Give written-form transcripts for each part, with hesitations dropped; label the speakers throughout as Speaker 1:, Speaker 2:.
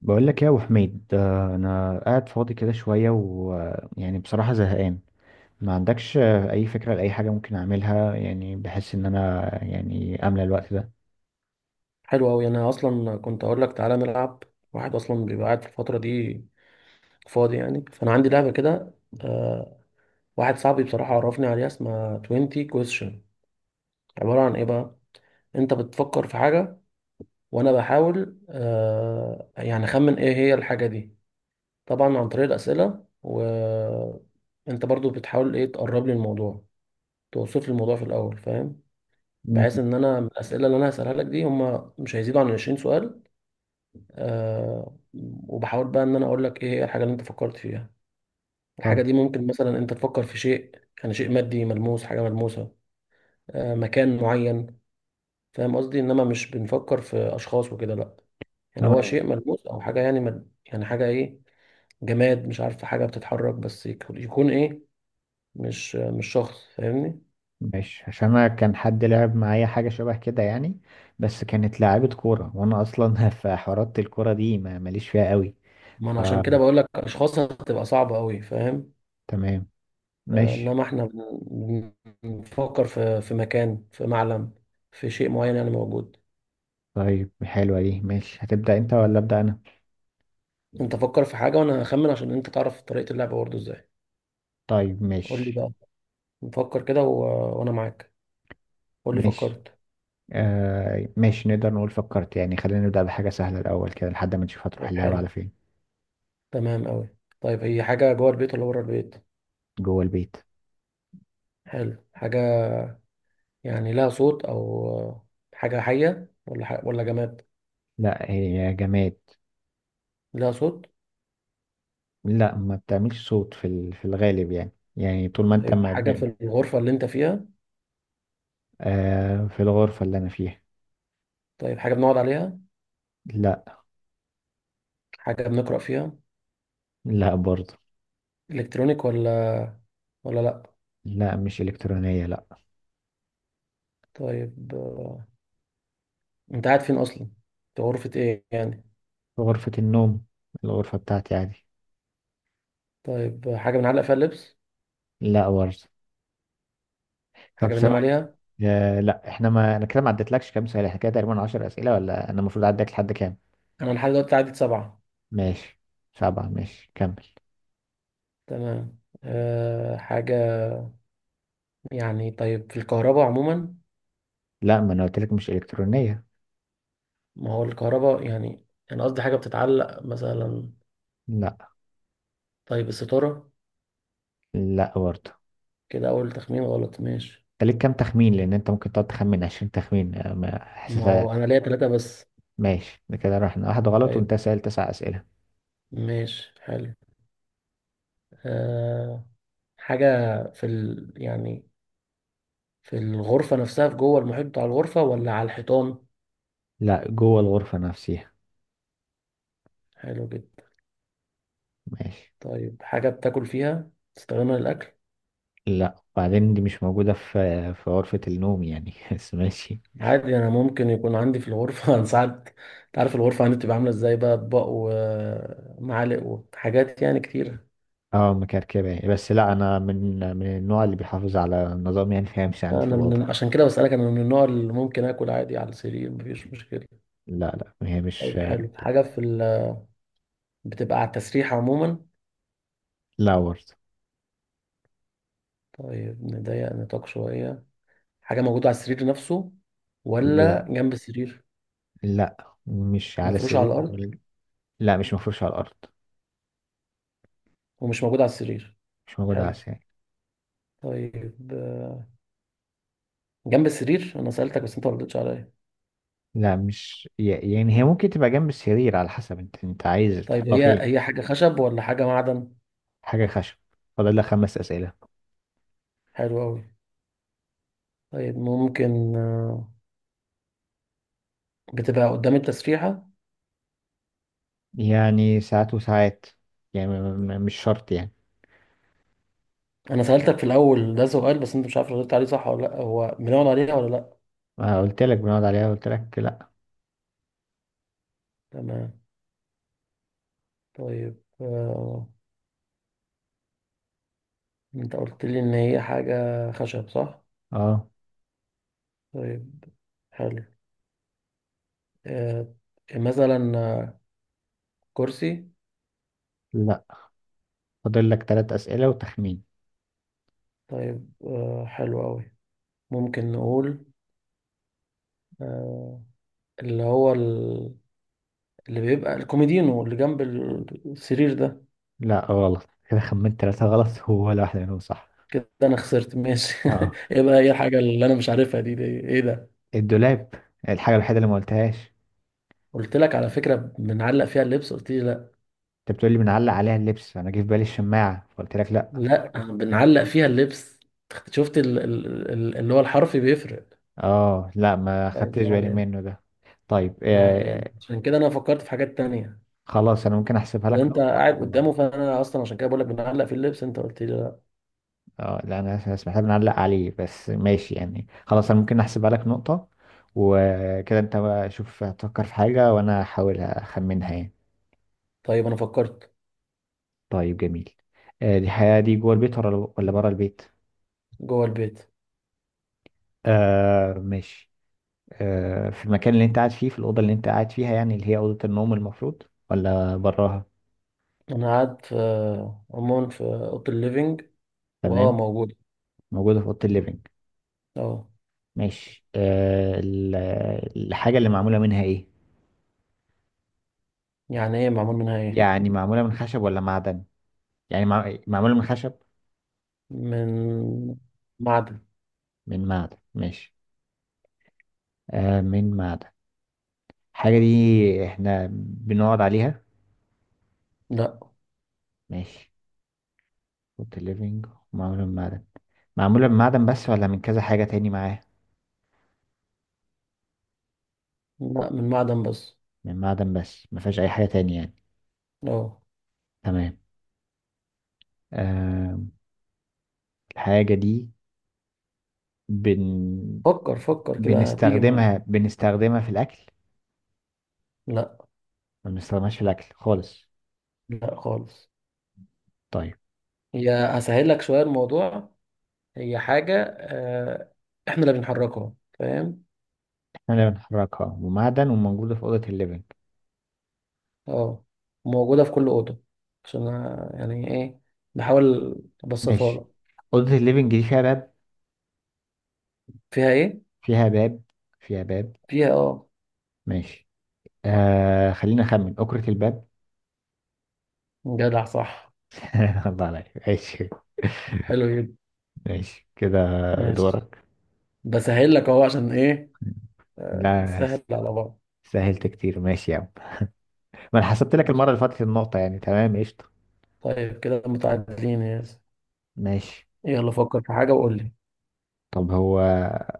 Speaker 1: بقول لك إيه يا ابو حميد، انا قاعد فاضي كده شويه ويعني بصراحه زهقان. ما عندكش اي فكره لاي حاجه ممكن اعملها؟ يعني بحس ان انا املى الوقت ده.
Speaker 2: حلو أوي. أنا أصلا كنت أقول لك تعالى نلعب. واحد أصلا بيبقى قاعد في الفترة دي فاضي يعني، فأنا عندي لعبة كده. آه. واحد صاحبي بصراحة عرفني عليها اسمها 20 question. عبارة عن إيه بقى؟ أنت بتفكر في حاجة، وأنا بحاول يعني أخمن إيه هي الحاجة دي، طبعا عن طريق الأسئلة، وأنت برضو بتحاول إيه، تقرب لي الموضوع، توصف لي الموضوع في الأول، فاهم؟
Speaker 1: مم.
Speaker 2: بحيث إن أنا من الأسئلة اللي أنا هسألها لك دي هما مش هيزيدوا عن 20 سؤال. آه. وبحاول بقى ان انا اقول لك ايه هي الحاجه اللي انت فكرت فيها. الحاجه
Speaker 1: طب
Speaker 2: دي ممكن مثلا انت تفكر في شيء، يعني شيء مادي ملموس، حاجه ملموسه، آه، مكان معين. فاهم قصدي؟ انما مش بنفكر في اشخاص وكده، لا. يعني هو
Speaker 1: تمام
Speaker 2: شيء ملموس او حاجه، يعني يعني حاجه ايه، جماد، مش عارف، حاجه بتتحرك، بس يكون ايه، مش شخص، فاهمني؟
Speaker 1: ماشي. عشان انا كان حد لعب معايا حاجه شبه كده يعني، بس كانت لعيبه كوره وانا اصلا في حوارات الكوره دي ما ماليش فيها قوي.
Speaker 2: ما
Speaker 1: ف
Speaker 2: انا عشان كده بقول لك اشخاص هتبقى صعبه قوي، فاهم؟
Speaker 1: تمام
Speaker 2: آه،
Speaker 1: ماشي.
Speaker 2: انما احنا بنفكر في مكان، في معلم، في شيء معين يعني موجود.
Speaker 1: طيب حلوه دي، ماشي، هتبدا انت ولا ابدا انا؟
Speaker 2: انت فكر في حاجة وانا هخمن، عشان انت تعرف طريقة اللعبة برضه ازاي.
Speaker 1: طيب
Speaker 2: قول لي
Speaker 1: ماشي.
Speaker 2: بقى، نفكر كده وانا معاك. قول لي
Speaker 1: ماشي
Speaker 2: فكرت.
Speaker 1: آه ماشي، نقدر نقول فكرت. يعني خلينا نبدأ بحاجة سهلة الأول كده لحد ما نشوف هتروح
Speaker 2: طيب
Speaker 1: اللعبة
Speaker 2: حلو،
Speaker 1: على فين.
Speaker 2: تمام قوي. طيب هي حاجة جوه البيت ولا بره البيت؟
Speaker 1: جوه البيت.
Speaker 2: حلو. حاجة يعني لها صوت، او حاجة حية ولا ولا جماد؟
Speaker 1: لا هي جماد.
Speaker 2: لها صوت؟
Speaker 1: لا ما بتعملش صوت في الغالب، يعني يعني طول ما انت
Speaker 2: طيب
Speaker 1: ما
Speaker 2: حاجة
Speaker 1: ب...
Speaker 2: في الغرفة اللي انت فيها؟
Speaker 1: آه في الغرفة اللي أنا فيها.
Speaker 2: طيب حاجة بنقعد عليها؟
Speaker 1: لا.
Speaker 2: حاجة بنقرأ فيها؟
Speaker 1: لا برضه.
Speaker 2: الكترونيك ولا لا؟
Speaker 1: لا مش إلكترونية لا.
Speaker 2: طيب انت قاعد فين اصلا؟ في غرفة ايه يعني؟
Speaker 1: في غرفة النوم، الغرفة بتاعتي عادي.
Speaker 2: طيب حاجة بنعلق فيها اللبس؟
Speaker 1: لا برضه. طب
Speaker 2: حاجة بننام
Speaker 1: سواء،
Speaker 2: عليها؟
Speaker 1: آه لا. احنا ما انا كده ما عدتلكش كام سؤال؟ احنا كده تقريبا 10 أسئلة ولا انا المفروض اعدك لحد كام؟
Speaker 2: أنا لحد دلوقتي عدد سبعة.
Speaker 1: ماشي. سبعة ماشي كمل.
Speaker 2: تمام. أه، حاجة يعني، طيب في الكهرباء عموما؟
Speaker 1: لا ما انا قلت لك مش الكترونيه.
Speaker 2: ما هو الكهرباء يعني، أنا قصدي حاجة بتتعلق مثلا.
Speaker 1: لا.
Speaker 2: طيب الستارة؟
Speaker 1: لا برضه.
Speaker 2: كده أول تخمين غلط، ماشي.
Speaker 1: انت ليك كام تخمين؟ لان انت ممكن تقعد تخمن 20 تخمين. آه، ما
Speaker 2: ما
Speaker 1: حاسسها.
Speaker 2: هو أنا ليا تلاتة بس.
Speaker 1: ماشي، ده كده رحنا واحد غلط وانت
Speaker 2: طيب
Speaker 1: سأل تسع اسئله.
Speaker 2: ماشي، حلو. أه، حاجة في ال يعني في الغرفة نفسها، في جوه المحيط بتاع الغرفة، ولا على الحيطان؟
Speaker 1: لا جوه الغرفه نفسها.
Speaker 2: حلو جدا.
Speaker 1: ماشي.
Speaker 2: طيب حاجة بتاكل فيها، تستخدمها للأكل؟
Speaker 1: لا، وبعدين دي مش موجوده في غرفه النوم يعني بس ماشي.
Speaker 2: عادي انا ممكن يكون عندي في الغرفه انا ساعات، انت عارف الغرفه عندي بتبقى عامله ازاي، بقى اطباق ومعالق وحاجات يعني كتير.
Speaker 1: اه مكركبه، بس لا انا من النوع اللي بيحافظ على النظام يعني، فهي مش
Speaker 2: لا،
Speaker 1: عندي في
Speaker 2: انا
Speaker 1: الاوضه.
Speaker 2: من عشان كده بسالك، انا من النوع اللي ممكن اكل عادي على السرير، مفيش مشكله.
Speaker 1: لا. لا هي مش
Speaker 2: طيب
Speaker 1: آه،.
Speaker 2: حلو، حاجه في بتبقى على التسريح عموما؟
Speaker 1: لا برضه.
Speaker 2: طيب نضيق نطاق شويه، حاجه موجوده على السرير نفسه ولا
Speaker 1: لا.
Speaker 2: جنب السرير؟
Speaker 1: لا مش على
Speaker 2: مفروش على
Speaker 1: السرير.
Speaker 2: الارض؟
Speaker 1: لا مش مفروش على الارض.
Speaker 2: ومش موجوده على السرير؟
Speaker 1: مش موجودة على
Speaker 2: حلو.
Speaker 1: السرير.
Speaker 2: طيب جنب السرير انا سالتك بس انت ما ردتش عليا.
Speaker 1: لا مش يعني هي ممكن تبقى جنب السرير على حسب انت عايز
Speaker 2: طيب
Speaker 1: تحطها
Speaker 2: هي
Speaker 1: فين.
Speaker 2: هي حاجه خشب ولا حاجه معدن؟
Speaker 1: حاجة خشب. فاضل لك خمس أسئلة.
Speaker 2: حلو أوي. طيب ممكن بتبقى قدام التسريحة؟
Speaker 1: يعني ساعات وساعات، يعني مش شرط يعني.
Speaker 2: أنا سألتك في الأول ده سؤال، بس أنت مش عارف ردت عليه صح ولا لأ، هو بنقعد عليها ولا لأ؟
Speaker 1: ما قلت لك بنقعد عليها؟ قلت لك لا.
Speaker 2: تمام. طيب أنت قلت لي إن هي حاجة خشب صح؟
Speaker 1: اه.
Speaker 2: طيب حلو، آه، مثلا كرسي؟
Speaker 1: لا فاضل لك ثلاث أسئلة وتخمين.
Speaker 2: طيب حلو أوي. ممكن نقول آه، اللي هو اللي بيبقى الكوميدينو اللي جنب السرير ده؟
Speaker 1: لا غلط كده، خمنت ثلاثة غلط ولا واحدة منهم صح.
Speaker 2: كده انا خسرت ماشي.
Speaker 1: اه.
Speaker 2: ايه بقى هي الحاجه اللي انا مش عارفها دي، دي ايه ده؟
Speaker 1: الدولاب، الحاجة الوحيدة اللي ما قلتهاش.
Speaker 2: قلت لك على فكره بنعلق فيها اللبس، قلت لي لا.
Speaker 1: انت بتقول لي بنعلق عليها اللبس، انا جه في بالي الشماعة فقلت لك لا.
Speaker 2: لا، بنعلق فيها اللبس. شفت اللي هو الحرف بيفرق.
Speaker 1: اه لا، ما
Speaker 2: طيب
Speaker 1: خدتش
Speaker 2: ما
Speaker 1: بالي
Speaker 2: علينا.
Speaker 1: منه ده. طيب
Speaker 2: ما علينا،
Speaker 1: آه.
Speaker 2: عشان كده انا فكرت في حاجات تانية.
Speaker 1: خلاص انا ممكن احسبها
Speaker 2: اللي
Speaker 1: لك
Speaker 2: انت
Speaker 1: نقطة
Speaker 2: قاعد
Speaker 1: و...
Speaker 2: قدامه، فانا اصلا عشان كده بقول لك بنعلق في اللبس، انت قلت لي لا.
Speaker 1: اه لا، انا اسمح لي بنعلق عليه. بس ماشي يعني، خلاص انا ممكن احسبها لك نقطة. وكده انت بقى شوف، هتفكر في حاجة وانا احاول اخمنها يعني.
Speaker 2: طيب انا فكرت.
Speaker 1: طيب جميل. آه دي حياة، دي جوه البيت ولا ولا بره البيت؟
Speaker 2: جوه البيت.
Speaker 1: آه ماشي. آه، في المكان اللي انت قاعد فيه؟ في الأوضة اللي انت قاعد فيها يعني، اللي هي أوضة النوم المفروض، ولا براها؟
Speaker 2: انا قاعد في عموما في اوضه الليفينج. واه
Speaker 1: تمام.
Speaker 2: موجود.
Speaker 1: موجودة في أوضة الليفينج.
Speaker 2: اه.
Speaker 1: ماشي آه الحاجة اللي معمولة منها ايه؟
Speaker 2: يعني ايه معمول منها ايه؟
Speaker 1: يعني معمولة من خشب ولا معدن؟ يعني معمولة من خشب؟
Speaker 2: من معدن.
Speaker 1: من معدن ماشي. آه من معدن، الحاجة دي احنا بنقعد عليها؟
Speaker 2: لا،
Speaker 1: ماشي. فوت الليفينج. معمولة من معدن. معمولة من معدن بس ولا من كذا حاجة تاني معاها؟
Speaker 2: لا، من معدن بس.
Speaker 1: من معدن بس، ما فيهاش أي حاجة تاني يعني.
Speaker 2: اه.
Speaker 1: تمام. آه الحاجة دي بن...
Speaker 2: فكر فكر كده هتيجي معاك.
Speaker 1: بنستخدمها، بنستخدمها في الأكل؟
Speaker 2: لا.
Speaker 1: ما بنستخدمهاش في الأكل خالص.
Speaker 2: لا خالص.
Speaker 1: طيب.
Speaker 2: هي، هسهل لك شوية الموضوع، هي حاجة احنا اللي بنحركها، فاهم؟
Speaker 1: احنا اللي بنحركها ومعدن وموجودة في أوضة الليفينج.
Speaker 2: اه، موجودة في كل أوضة، عشان أنا يعني ايه، بحاول ابسطها
Speaker 1: ماشي،
Speaker 2: لك.
Speaker 1: أوضة الليفينج دي فيها باب؟
Speaker 2: فيها ايه؟
Speaker 1: فيها باب. فيها باب.
Speaker 2: فيها اه.
Speaker 1: ماشي آه، خلينا أخمن أكرة الباب.
Speaker 2: جدع صح.
Speaker 1: الله عليك ماشي.
Speaker 2: حلو جدا.
Speaker 1: ماشي كده.
Speaker 2: ماشي.
Speaker 1: دورك.
Speaker 2: بسهل لك اهو، عشان ايه،
Speaker 1: لا
Speaker 2: نسهل على بعض.
Speaker 1: سهلت كتير ماشي يا عم. ما أنا حسبت لك المرة
Speaker 2: ماشي.
Speaker 1: اللي فاتت النقطة يعني، تمام قشطة.
Speaker 2: طيب كده متعادلين يا ياسر.
Speaker 1: ماشي.
Speaker 2: يلا فكر في حاجة وقول لي.
Speaker 1: طب هو،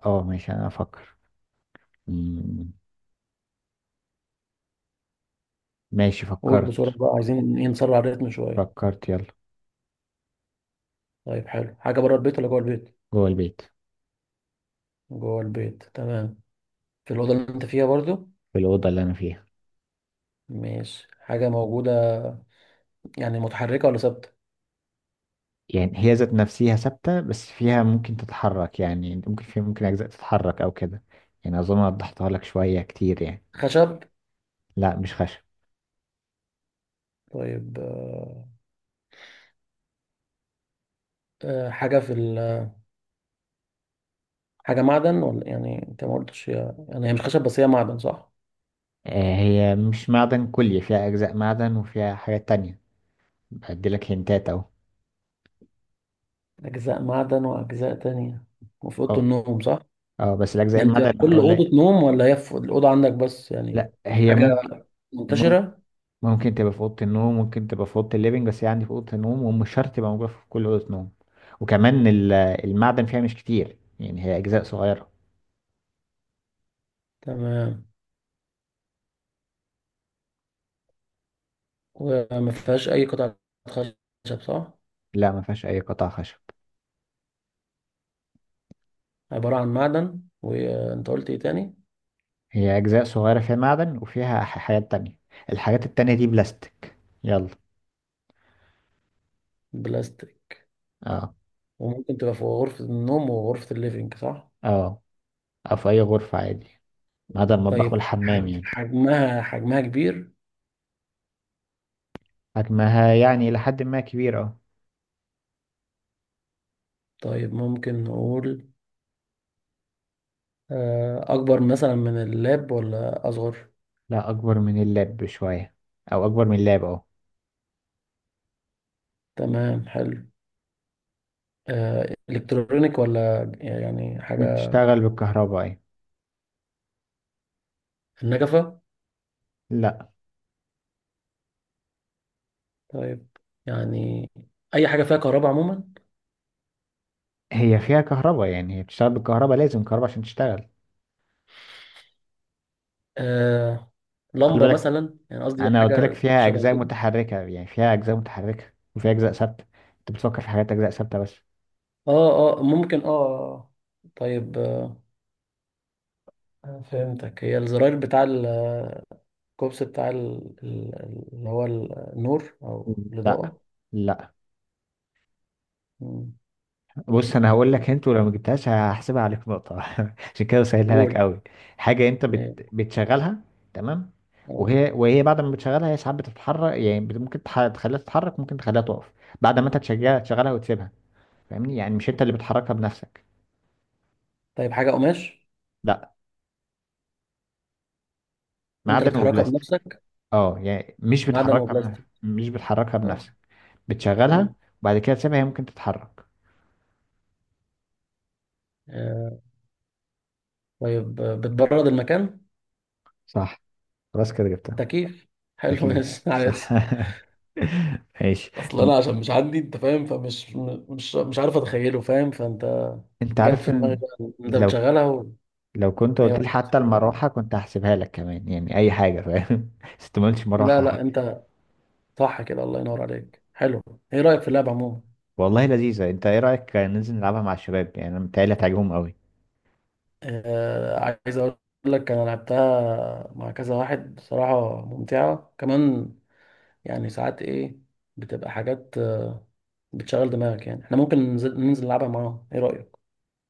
Speaker 1: اه ماشي أنا أفكر. مم، ماشي
Speaker 2: قول بسرعة
Speaker 1: فكرت.
Speaker 2: بقى، عايزين ايه، نسرع الريتم شوية.
Speaker 1: فكرت يلا.
Speaker 2: طيب حلو، حاجة بره البيت ولا جوه البيت؟
Speaker 1: جوه البيت.
Speaker 2: جوه البيت تمام. في الأوضة اللي أنت فيها برضو؟
Speaker 1: في الأوضة اللي أنا فيها.
Speaker 2: ماشي. حاجة موجودة يعني متحركة ولا ثابتة؟
Speaker 1: يعني هي ذات نفسها ثابتة، بس فيها ممكن تتحرك يعني، ممكن فيها ممكن أجزاء تتحرك أو كده. يعني أظن وضحتها لك شوية كتير يعني.
Speaker 2: خشب؟
Speaker 1: لا مش خشب.
Speaker 2: طيب حاجة في حاجة معدن، ولا يعني أنت ما قلتش، يعني هي مش خشب، بس هي معدن صح؟
Speaker 1: آه، هي مش معدن كلي، فيها أجزاء معدن وفيها حاجات تانية. بدي لك هنتات أهو.
Speaker 2: أجزاء معدن وأجزاء تانية، وفي أوضة
Speaker 1: أه.
Speaker 2: النوم صح؟
Speaker 1: أه بس الأجزاء
Speaker 2: يعني بتبقى في
Speaker 1: المعدن
Speaker 2: كل
Speaker 1: أو لا.
Speaker 2: أوضة نوم، ولا هي في الأوضة عندك بس يعني؟
Speaker 1: لا هي
Speaker 2: حاجة
Speaker 1: ممكن مم-
Speaker 2: منتشرة؟
Speaker 1: ممكن تبقى في أوضة النوم، ممكن تبقى في أوضة الليفينج، بس هي عندي في أوضة النوم ومش شرط تبقى موجودة في كل أوضة نوم. وكمان المعدن فيها مش كتير يعني، هي أجزاء صغيرة.
Speaker 2: تمام. وما فيهاش أي قطعة خشب صح؟
Speaker 1: لا ما فيهاش أي قطع خشب.
Speaker 2: عبارة عن معدن، وانت قلت ايه تاني؟
Speaker 1: هي أجزاء صغيرة، فيها معدن وفيها حاجات تانية. الحاجات التانية دي بلاستيك. يلا.
Speaker 2: بلاستيك.
Speaker 1: اه.
Speaker 2: وممكن تبقى في غرفة النوم وغرفة الليفينج صح؟
Speaker 1: اه، أو في أي غرفة عادي، ما عدا المطبخ
Speaker 2: طيب
Speaker 1: والحمام يعني.
Speaker 2: حجمها، حجمها كبير؟
Speaker 1: حجمها يعني لحد ما كبير اه.
Speaker 2: طيب ممكن نقول أكبر مثلا من اللاب ولا أصغر؟
Speaker 1: لا أكبر من اللاب بشوية، أو أكبر من اللاب اه.
Speaker 2: تمام حلو. إلكترونيك ولا يعني حاجة؟
Speaker 1: بتشتغل بالكهرباء يعني.
Speaker 2: النجفة؟
Speaker 1: لا.
Speaker 2: طيب يعني أي حاجة فيها كهرباء عموما؟
Speaker 1: هي فيها كهرباء يعني، هي بتشتغل بالكهرباء، لازم كهرباء عشان تشتغل.
Speaker 2: آه،
Speaker 1: خلي
Speaker 2: لمبة
Speaker 1: بالك،
Speaker 2: مثلا، يعني قصدي
Speaker 1: أنا قلت لك
Speaker 2: حاجة
Speaker 1: فيها
Speaker 2: شبه
Speaker 1: أجزاء
Speaker 2: كده.
Speaker 1: متحركة يعني، فيها أجزاء متحركة وفيها أجزاء ثابتة، أنت بتفكر في حاجات أجزاء ثابتة بس.
Speaker 2: اه اه ممكن اه آه. طيب فهمتك، هي الزراير بتاع الكوبس، بتاع اللي هو النور او
Speaker 1: لا.
Speaker 2: الاضاءه؟
Speaker 1: لا.
Speaker 2: مم.
Speaker 1: بص انا هقول لك انت، ولو ما جبتهاش هحسبها عليك نقطه عشان كده سهلها لك
Speaker 2: قول.
Speaker 1: قوي. حاجه انت
Speaker 2: ايه.
Speaker 1: بتشغلها. تمام.
Speaker 2: اه.
Speaker 1: وهي، وهي بعد ما بتشغلها هي ساعات بتتحرك يعني، ممكن تخليها تتحرك، ممكن تخليها تقف. بعد ما انت تشغلها، تشغلها وتسيبها، فاهمني يعني؟ مش انت اللي بتحركها بنفسك.
Speaker 2: طيب حاجه قماش؟
Speaker 1: لا.
Speaker 2: انت اللي
Speaker 1: معدن
Speaker 2: بتحركها
Speaker 1: وبلاستيك.
Speaker 2: بنفسك؟
Speaker 1: اه يعني مش
Speaker 2: معدن
Speaker 1: بتحركها
Speaker 2: وبلاستيك.
Speaker 1: بنفسك، مش بتحركها
Speaker 2: اه.
Speaker 1: بنفسك. بتشغلها
Speaker 2: مم.
Speaker 1: وبعد كده تسيبها، هي ممكن تتحرك.
Speaker 2: آه، طيب بتبرد المكان؟
Speaker 1: صح، خلاص كده جبتها.
Speaker 2: تكييف.
Speaker 1: ده
Speaker 2: حلو
Speaker 1: كيف
Speaker 2: ماشي.
Speaker 1: صح.
Speaker 2: عايز،
Speaker 1: ماشي.
Speaker 2: اصل
Speaker 1: طب
Speaker 2: انا عشان مش عندي، انت فاهم، فمش م- مش مش عارف اتخيله، فاهم، فانت.
Speaker 1: انت
Speaker 2: جت
Speaker 1: عارف
Speaker 2: في دماغي
Speaker 1: ان،
Speaker 2: بقى إن انت
Speaker 1: لو
Speaker 2: بتشغلها، وهي
Speaker 1: لو كنت قلت
Speaker 2: بعد
Speaker 1: لي
Speaker 2: كده
Speaker 1: حتى
Speaker 2: بتتحرك.
Speaker 1: المروحه كنت هحسبها لك كمان يعني، اي حاجه فاهم بس انت ما قلتش
Speaker 2: لا
Speaker 1: مروحه
Speaker 2: لا
Speaker 1: حتى.
Speaker 2: انت صح كده، الله ينور عليك، حلو. ايه رأيك في اللعبة عموما؟
Speaker 1: والله لذيذه. انت ايه رايك ننزل نلعبها مع الشباب؟ يعني انا متهيألي هتعجبهم قوي.
Speaker 2: آه، عايز اقول لك، انا لعبتها مع كذا واحد بصراحة، ممتعة كمان، يعني ساعات ايه، بتبقى حاجات بتشغل دماغك، يعني احنا ممكن ننزل نلعبها معاهم، ايه رأيك؟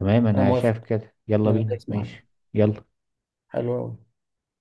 Speaker 1: تمام
Speaker 2: انا
Speaker 1: انا شايف
Speaker 2: موافق،
Speaker 1: كده، يلا
Speaker 2: انا
Speaker 1: بينا
Speaker 2: دايس معاك.
Speaker 1: ماشي. يلا.
Speaker 2: حلو أوي.